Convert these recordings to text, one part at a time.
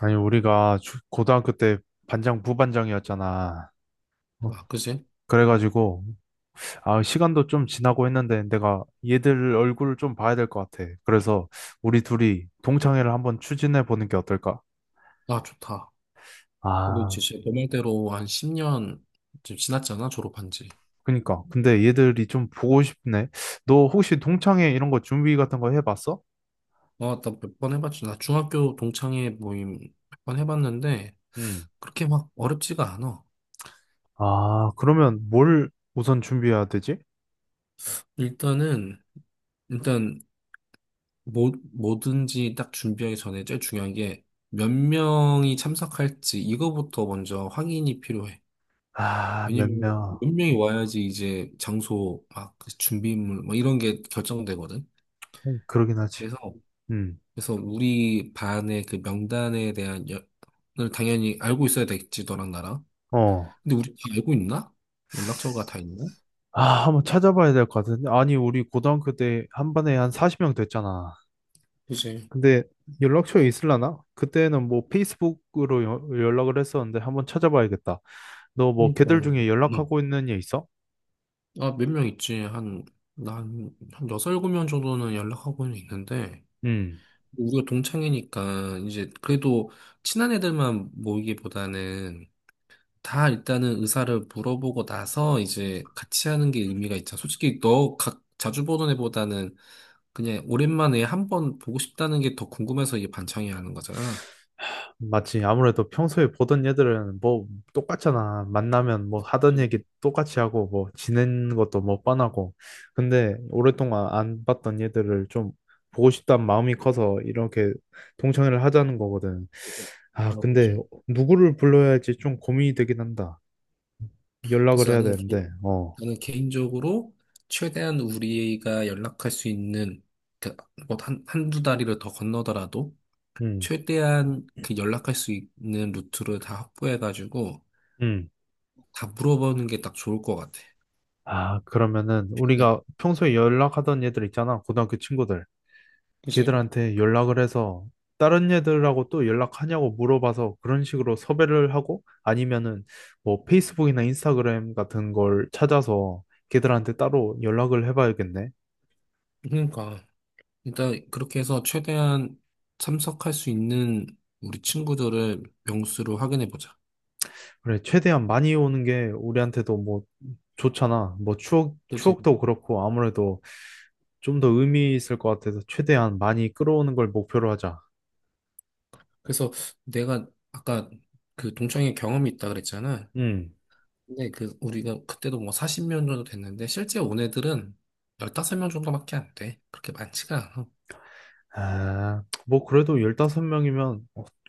아니, 우리가 고등학교 때 반장, 부반장이었잖아. 어, 아, 그지? 그래가지고, 아, 시간도 좀 지나고 했는데, 내가 얘들 얼굴을 좀 봐야 될 것 같아. 그래서, 우리 둘이 동창회를 한번 추진해 보는 게 어떨까? 아, 좋다. 우리 아, 이제 진짜 너 말대로 한 10년 지금 지났잖아, 졸업한 지. 그니까. 근데 얘들이 좀 보고 싶네. 너 혹시 동창회 이런 거 준비 같은 거 해봤어? 아, 나 몇 번 해봤지. 나 중학교 동창회 모임 몇 번 해봤는데, 응. 그렇게 막 어렵지가 않아. 아, 그러면 뭘 우선 준비해야 되지? 일단은, 일단, 뭐든지 딱 준비하기 전에 제일 중요한 게, 몇 명이 참석할지, 이거부터 먼저 확인이 필요해. 아, 몇 왜냐면, 명. 몇 명이 와야지 이제 장소, 막, 그 준비물, 뭐 이런 게 결정되거든. 그러긴 하지. 그래서, 응. 그래서 우리 반의 그 명단에 대한 연을 당연히 알고 있어야 되겠지, 너랑 나랑. 어. 근데 우리 다 알고 있나? 연락처가 다 있나? 아, 한번 찾아봐야 될 것 같은데. 아니, 우리 고등학교 때 한 반에 한 40명 됐잖아. 그지. 근데 연락처에 있을라나? 그때는 뭐 페이스북으로 연락을 했었는데 한번 찾아봐야겠다. 너 뭐 그러니까 걔들 중에 음. 연락하고 있는 애 있어? 아, 몇 명 있지. 난한 여섯, 일곱 명 정도는 연락하고는 있는데 응. 우리가 동창이니까 이제 그래도 친한 애들만 모이기보다는 다 일단은 의사를 물어보고 나서 이제 같이 하는 게 의미가 있잖아. 솔직히 너 자주 보던 애보다는 그냥 오랜만에 한 번 보고 싶다는 게 더 궁금해서 이게 반창이 하는 거잖아. 맞지. 아무래도 평소에 보던 애들은 뭐 똑같잖아. 만나면 뭐 하던 얘기 그치. 똑같이 하고 뭐 지낸 것도 뭐 뻔하고. 근데 오랫동안 안 봤던 애들을 좀 보고 싶다는 마음이 커서 이렇게 동창회를 하자는 거거든. 아, 어, 근데 그치. 누구를 불러야 할지 좀 고민이 되긴 한다. 연락을 그래서 해야 되는데. 어. 나는 개인적으로 최대한 우리가 연락할 수 있는 그뭐 한두 다리를 더 건너더라도 음. 최대한 그 연락할 수 있는 루트를 다 확보해가지고 음. 다 물어보는 게 딱 좋을 것 같아. 아, 그러면은 네. 우리가 평소에 연락하던 애들 있잖아. 고등학교 친구들. 그치. 걔들한테 연락을 해서 다른 애들하고 또 연락하냐고 물어봐서 그런 식으로 섭외를 하고 아니면은 뭐 페이스북이나 인스타그램 같은 걸 찾아서 걔들한테 따로 연락을 해봐야겠네. 그러니까 일단 그렇게 해서 최대한 참석할 수 있는 우리 친구들을 명수로 확인해 보자. 그래, 최대한 많이 오는 게 우리한테도 뭐 좋잖아. 뭐 추억도 그렇고 아무래도 좀 더 의미 있을 것 같아서 최대한 많이 끌어오는 걸 목표로 하자. 그래서 내가 아까 그 동창회 경험이 있다 그랬잖아. 음. 근데 그 우리가 그때도 뭐 40명 정도 됐는데 실제 온 애들은 15명 정도밖에 안 돼. 그렇게 많지가 않아. 아, 뭐 그래도 15명이면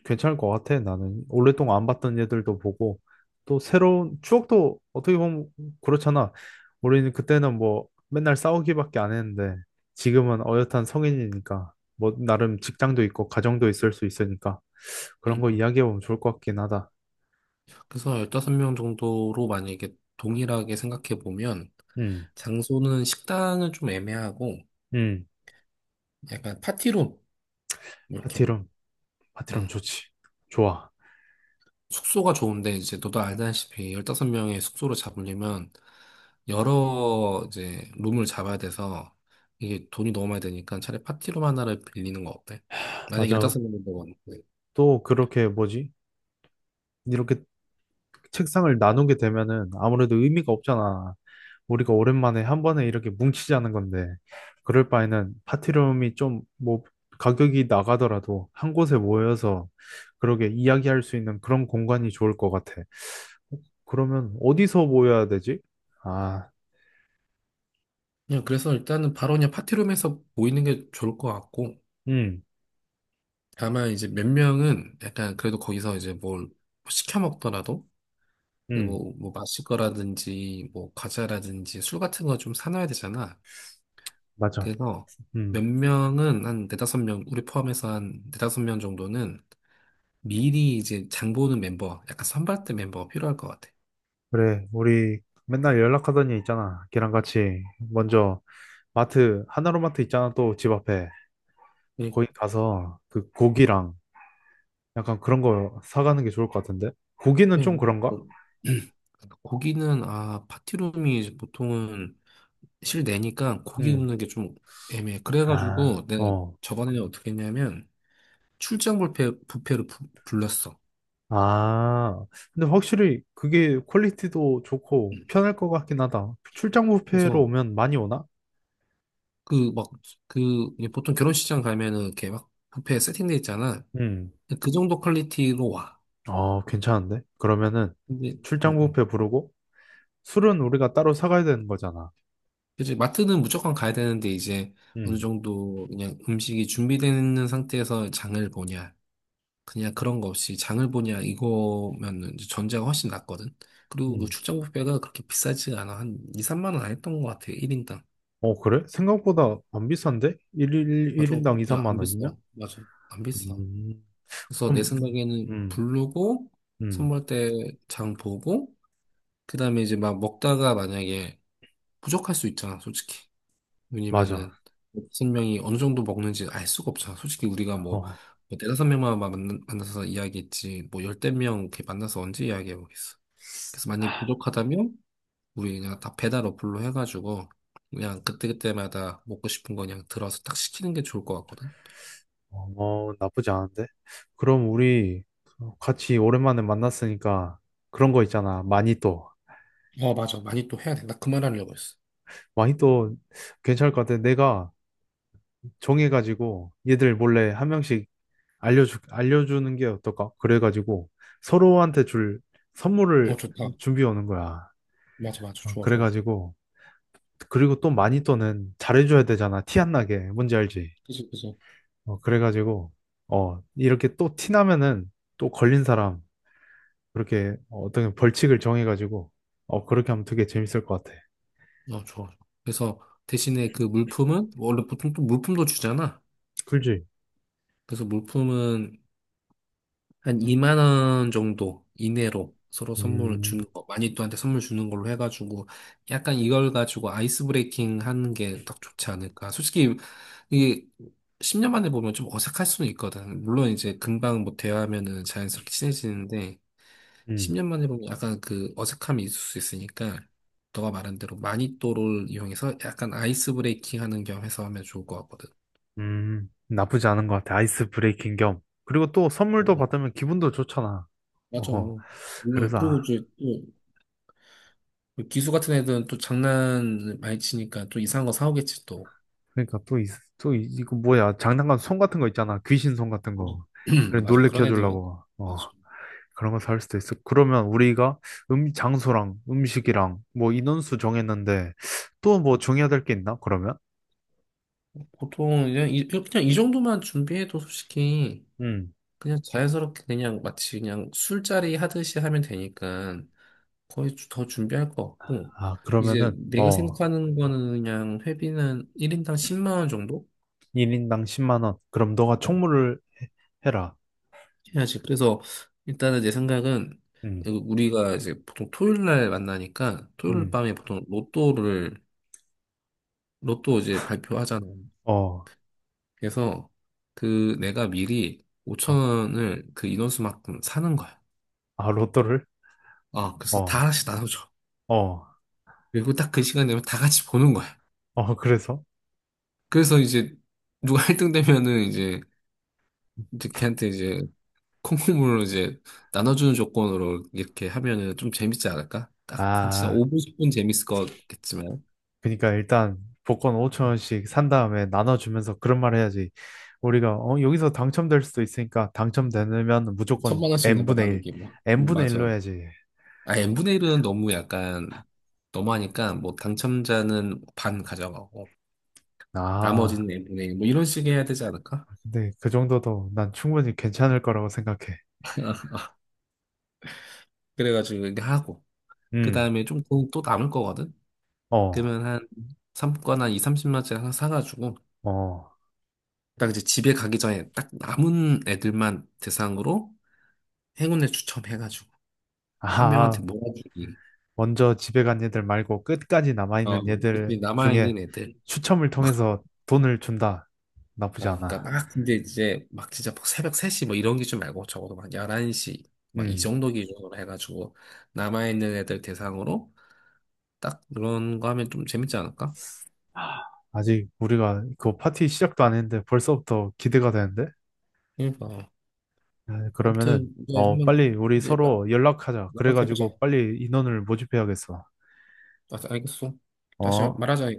괜찮을 것 같아. 나는 오랫동안 안 봤던 애들도 보고 또 새로운 추억도 어떻게 보면 그렇잖아. 우리는 그때는 뭐 맨날 싸우기밖에 안 했는데 지금은 어엿한 성인이니까 뭐 나름 직장도 있고 가정도 있을 수 있으니까 그런 거 그러니까. 이야기해보면 좋을 것 같긴 하다. 그래서 15명 정도로 만약에 동일하게 생각해 보면 음, 장소는 식당은 좀 애매하고 음, 약간 파티룸 이렇게 파티룸, 어, 파티룸 좋지. 좋아. 숙소가 좋은데 이제 너도 알다시피 15명의 숙소를 잡으려면 여러 이제 룸을 잡아야 돼서 이게 돈이 너무 많이 드니까 차라리 파티룸 하나를 빌리는 거 어때? 만약에 맞아. 15명이라고 하는데 또 그렇게 뭐지? 이렇게 책상을 나누게 되면은 아무래도 의미가 없잖아. 우리가 오랜만에 한 번에 이렇게 뭉치자는 건데, 그럴 바에는 파티룸이 좀, 뭐, 가격이 나가더라도 한 곳에 모여서 그러게 이야기할 수 있는 그런 공간이 좋을 것 같아. 그러면 어디서 모여야 되지? 아, 그냥 그래서 일단은 바로 그냥 파티룸에서 모이는 게 좋을 것 같고 음, 다만 이제 몇 명은 약간 그래도 거기서 이제 뭘 시켜 먹더라도 음, 뭐 마실 거라든지 뭐 과자라든지 술 같은 거 좀 사놔야 되잖아. 맞아. 그래서 음, 몇 명은 한 네다섯 명, 우리 포함해서 한 네다섯 명 정도는 미리 이제 장 보는 멤버, 약간 선발대 멤버가 필요할 것 같아. 그래. 우리 맨날 연락하던 애 있잖아. 걔랑 같이 먼저 마트, 하나로마트 있잖아. 또 집 앞에. 네, 거기 가서 그 고기랑 약간 그런 거 사가는 게 좋을 것 같은데? 고기는 좀 네. 그런가? 어, 고기는, 아, 파티룸이 이제 보통은 실내니까 고기 음. 굽는 게 좀 애매해. 아, 그래가지고 내가 어. 저번에는 어떻게 했냐면 출장 뷔페를 불렀어. 아, 근데 확실히 그게 퀄리티도 좋고 음. 편할 것 같긴 하다. 출장 뷔페로 그래서 오면 많이 오나? 그 막, 그 보통 결혼식장 가면은 이렇게 막 뷔페 세팅돼 있잖아. 음. 그 정도 퀄리티로 와. 어, 괜찮은데? 그러면은 근데, 음, 출장 음. 뷔페 부르고 술은 우리가 따로 사가야 되는 거잖아. 그치, 마트는 무조건 가야 되는데, 이제 어느 음. 정도 그냥 음식이 준비되는 상태에서 장을 보냐, 그냥 그런 거 없이 장을 보냐, 이거면은 이제 전자가 훨씬 낫거든. 그리고 그 음. 출장 뷔페가 그렇게 비싸지가 않아. 한 2, 3만 원 안 했던 것 같아, 1인당. 어, 그래? 생각보다 안 비싼데? 1일, 일 인당 2, 그냥 3만 안 비싸. 원이면? 맞아, 안 비싸. 음. 그래서 내 그럼, 생각에는 음, 부르고, 음, 선물 때 장 보고, 그 다음에 이제 막 먹다가 만약에 부족할 수 있잖아, 솔직히. 맞아. 왜냐면은 다섯 명이 어느 정도 먹는지 알 수가 없잖아. 솔직히 우리가 어. 뭐 대다섯 명만 만나서 이야기했지 뭐 열댓 명 이렇게 만나서 언제 이야기해보겠어. 그래서 만약에 부족하다면 우리 그냥 다 배달 어플로 해가지고 그냥 그때그때마다 먹고 싶은 거 그냥 들어서 딱 시키는 게 좋을 것 같거든. 어, 나쁘지 않은데? 그럼 우리 같이 오랜만에 만났으니까 그런 거 있잖아. 마니또. 어, 맞아. 많이 또 해야 돼. 나 그 말하려고 했어. 마니또 괜찮을 것 같아. 내가 정해가지고 얘들 몰래 한 명씩 알려주는 게 어떨까? 그래가지고 서로한테 줄 어, 선물을 좋다. 준비해 오는 거야. 맞아, 맞아. 어, 좋아, 좋아, 좋아. 그래가지고. 그리고 또 마니또는 잘해줘야 되잖아. 티 안 나게. 뭔지 알지? 그치, 그치. 어, 그래가지고. 어, 이렇게 또 티 나면은 또 걸린 사람. 그렇게 어떤 벌칙을 정해가지고 그렇게 하면 되게 재밌을 것 같아. 어, 좋아. 그래서 대신에 그 물품은 뭐 원래 보통 또 물품도 주잖아. 꿀지 그래서 물품은 한 2만 원 정도 이내로 서로 선물을 음, 주는 거, 마니또한테 선물 주는 걸로 해가지고 약간 이걸 가지고 아이스 브레이킹 하는 게 딱 좋지 않을까. 솔직히 이게 10년 만에 보면 좀 어색할 수는 있거든. 물론 이제 금방 뭐 대화하면은 자연스럽게 친해지는데 음, 10년 만에 보면 약간 그 어색함이 있을 수 있으니까 너가 말한 대로 마니또를 이용해서 약간 아이스 브레이킹 하는 겸 해서 하면 좋을 것 같거든. 나쁘지 않은 것 같아. 아이스 브레이킹 겸. 그리고 또 어, 선물도 어. 받으면 기분도 좋잖아. 맞아. 어, 물론 그래서 그리고 아, 이제 뭐 기수 같은 애들은 또 장난 많이 치니까 또 이상한 거 사오겠지 또. 그러니까 또, 이, 또 이거 뭐야 장난감 손 같은 거 있잖아. 귀신 손 같은 거. 그래 맞아. 그런 놀래켜 애들은 주려고. 어, 맞아. 그런 거 살 수도 있어. 그러면 우리가 장소랑 음식이랑 뭐 인원수 정했는데 또 뭐 정해야 될 게 있나? 그러면? 보통 그냥 그냥 이 정도만 준비해도 솔직히 음. 그냥 자연스럽게 그냥 마치 그냥 술자리 하듯이 하면 되니까 거의 더 준비할 것 같고 아, 이제 그러면은, 내가 어, 생각하는 거는 그냥 회비는 1인당 10만 원 정도 1인당 10만 원. 그럼 너가 어, 총무를 해라. 해야지. 그래서 일단은 내 생각은 음, 우리가 이제 보통 토요일 날 만나니까 토요일 음, 밤에 보통 로또 이제 발표하잖아. 어, 그래서 그 내가 미리 5천 어. 원을 그 인원수만큼 사는 거야. 아, 로또를? 아, 그래서 다 어, 하나씩 나눠줘. 어, 그리고 딱 그 시간 되면 다 같이 보는 거야. 어, 그래서? 그래서 이제 누가 1등 되면은 이제 걔한테 이제 콩콩물로 이제 나눠주는 조건으로 이렇게 하면은 좀 재밌지 않을까? 딱 한 진짜 아, 5분, 10분 재밌을 거겠지만. 그러니까 일단 복권 5천 원씩 산 다음에 나눠주면서 그런 말 해야지. 우리가 여기서 당첨될 수도 있으니까 당첨되면 무조건 천만 원씩 나눠 n분의 1, 나누기 뭐. N분의 맞아. 1로 해야지. 아, n분의 1은 너무 약간, 너무하니까, 뭐, 당첨자는 반 가져가고, 아, 나머지는 n분의 1, 뭐, 이런 식의 해야 되지 않을까? 근데 그 정도도 난 충분히 괜찮을 거라고 생각해. 그래가지고, 이게 하고, 그 음, 다음에 좀 또 남을 거거든? 어, 그러면 한, 3권 한 2, 30만짜리 하나 사가지고, 어. 딱 이제 집에 가기 전에 딱 남은 애들만 대상으로 행운을 추첨해가지고, 한 명한테 아, 몰아주기. 먼저 집에 간 얘들 말고 끝까지 어, 남아있는 얘들 특히 중에 남아있는 애들. 추첨을 막 통해서 돈을 준다. 아, 나쁘지 그러니까 않아. 막 근데 이제 막 진짜 막 새벽 3시 뭐 이런 기준 말고 적어도 막 11시 막 이 음. 정도 기준으로 해가지고 남아있는 애들 대상으로 딱 그런 거 하면 좀 재밌지 않을까? 아, 아직 우리가 그 파티 시작도 안 했는데 벌써부터 기대가 되는데? 그러니까 아, 그러면은 아무튼 이제 빨리 한번 우리 이제 서로 연락하자. 그래가지고 연락해보자. 빨리 인원을 모집해야겠어. 아, 알겠어. 어. 다시 말하자.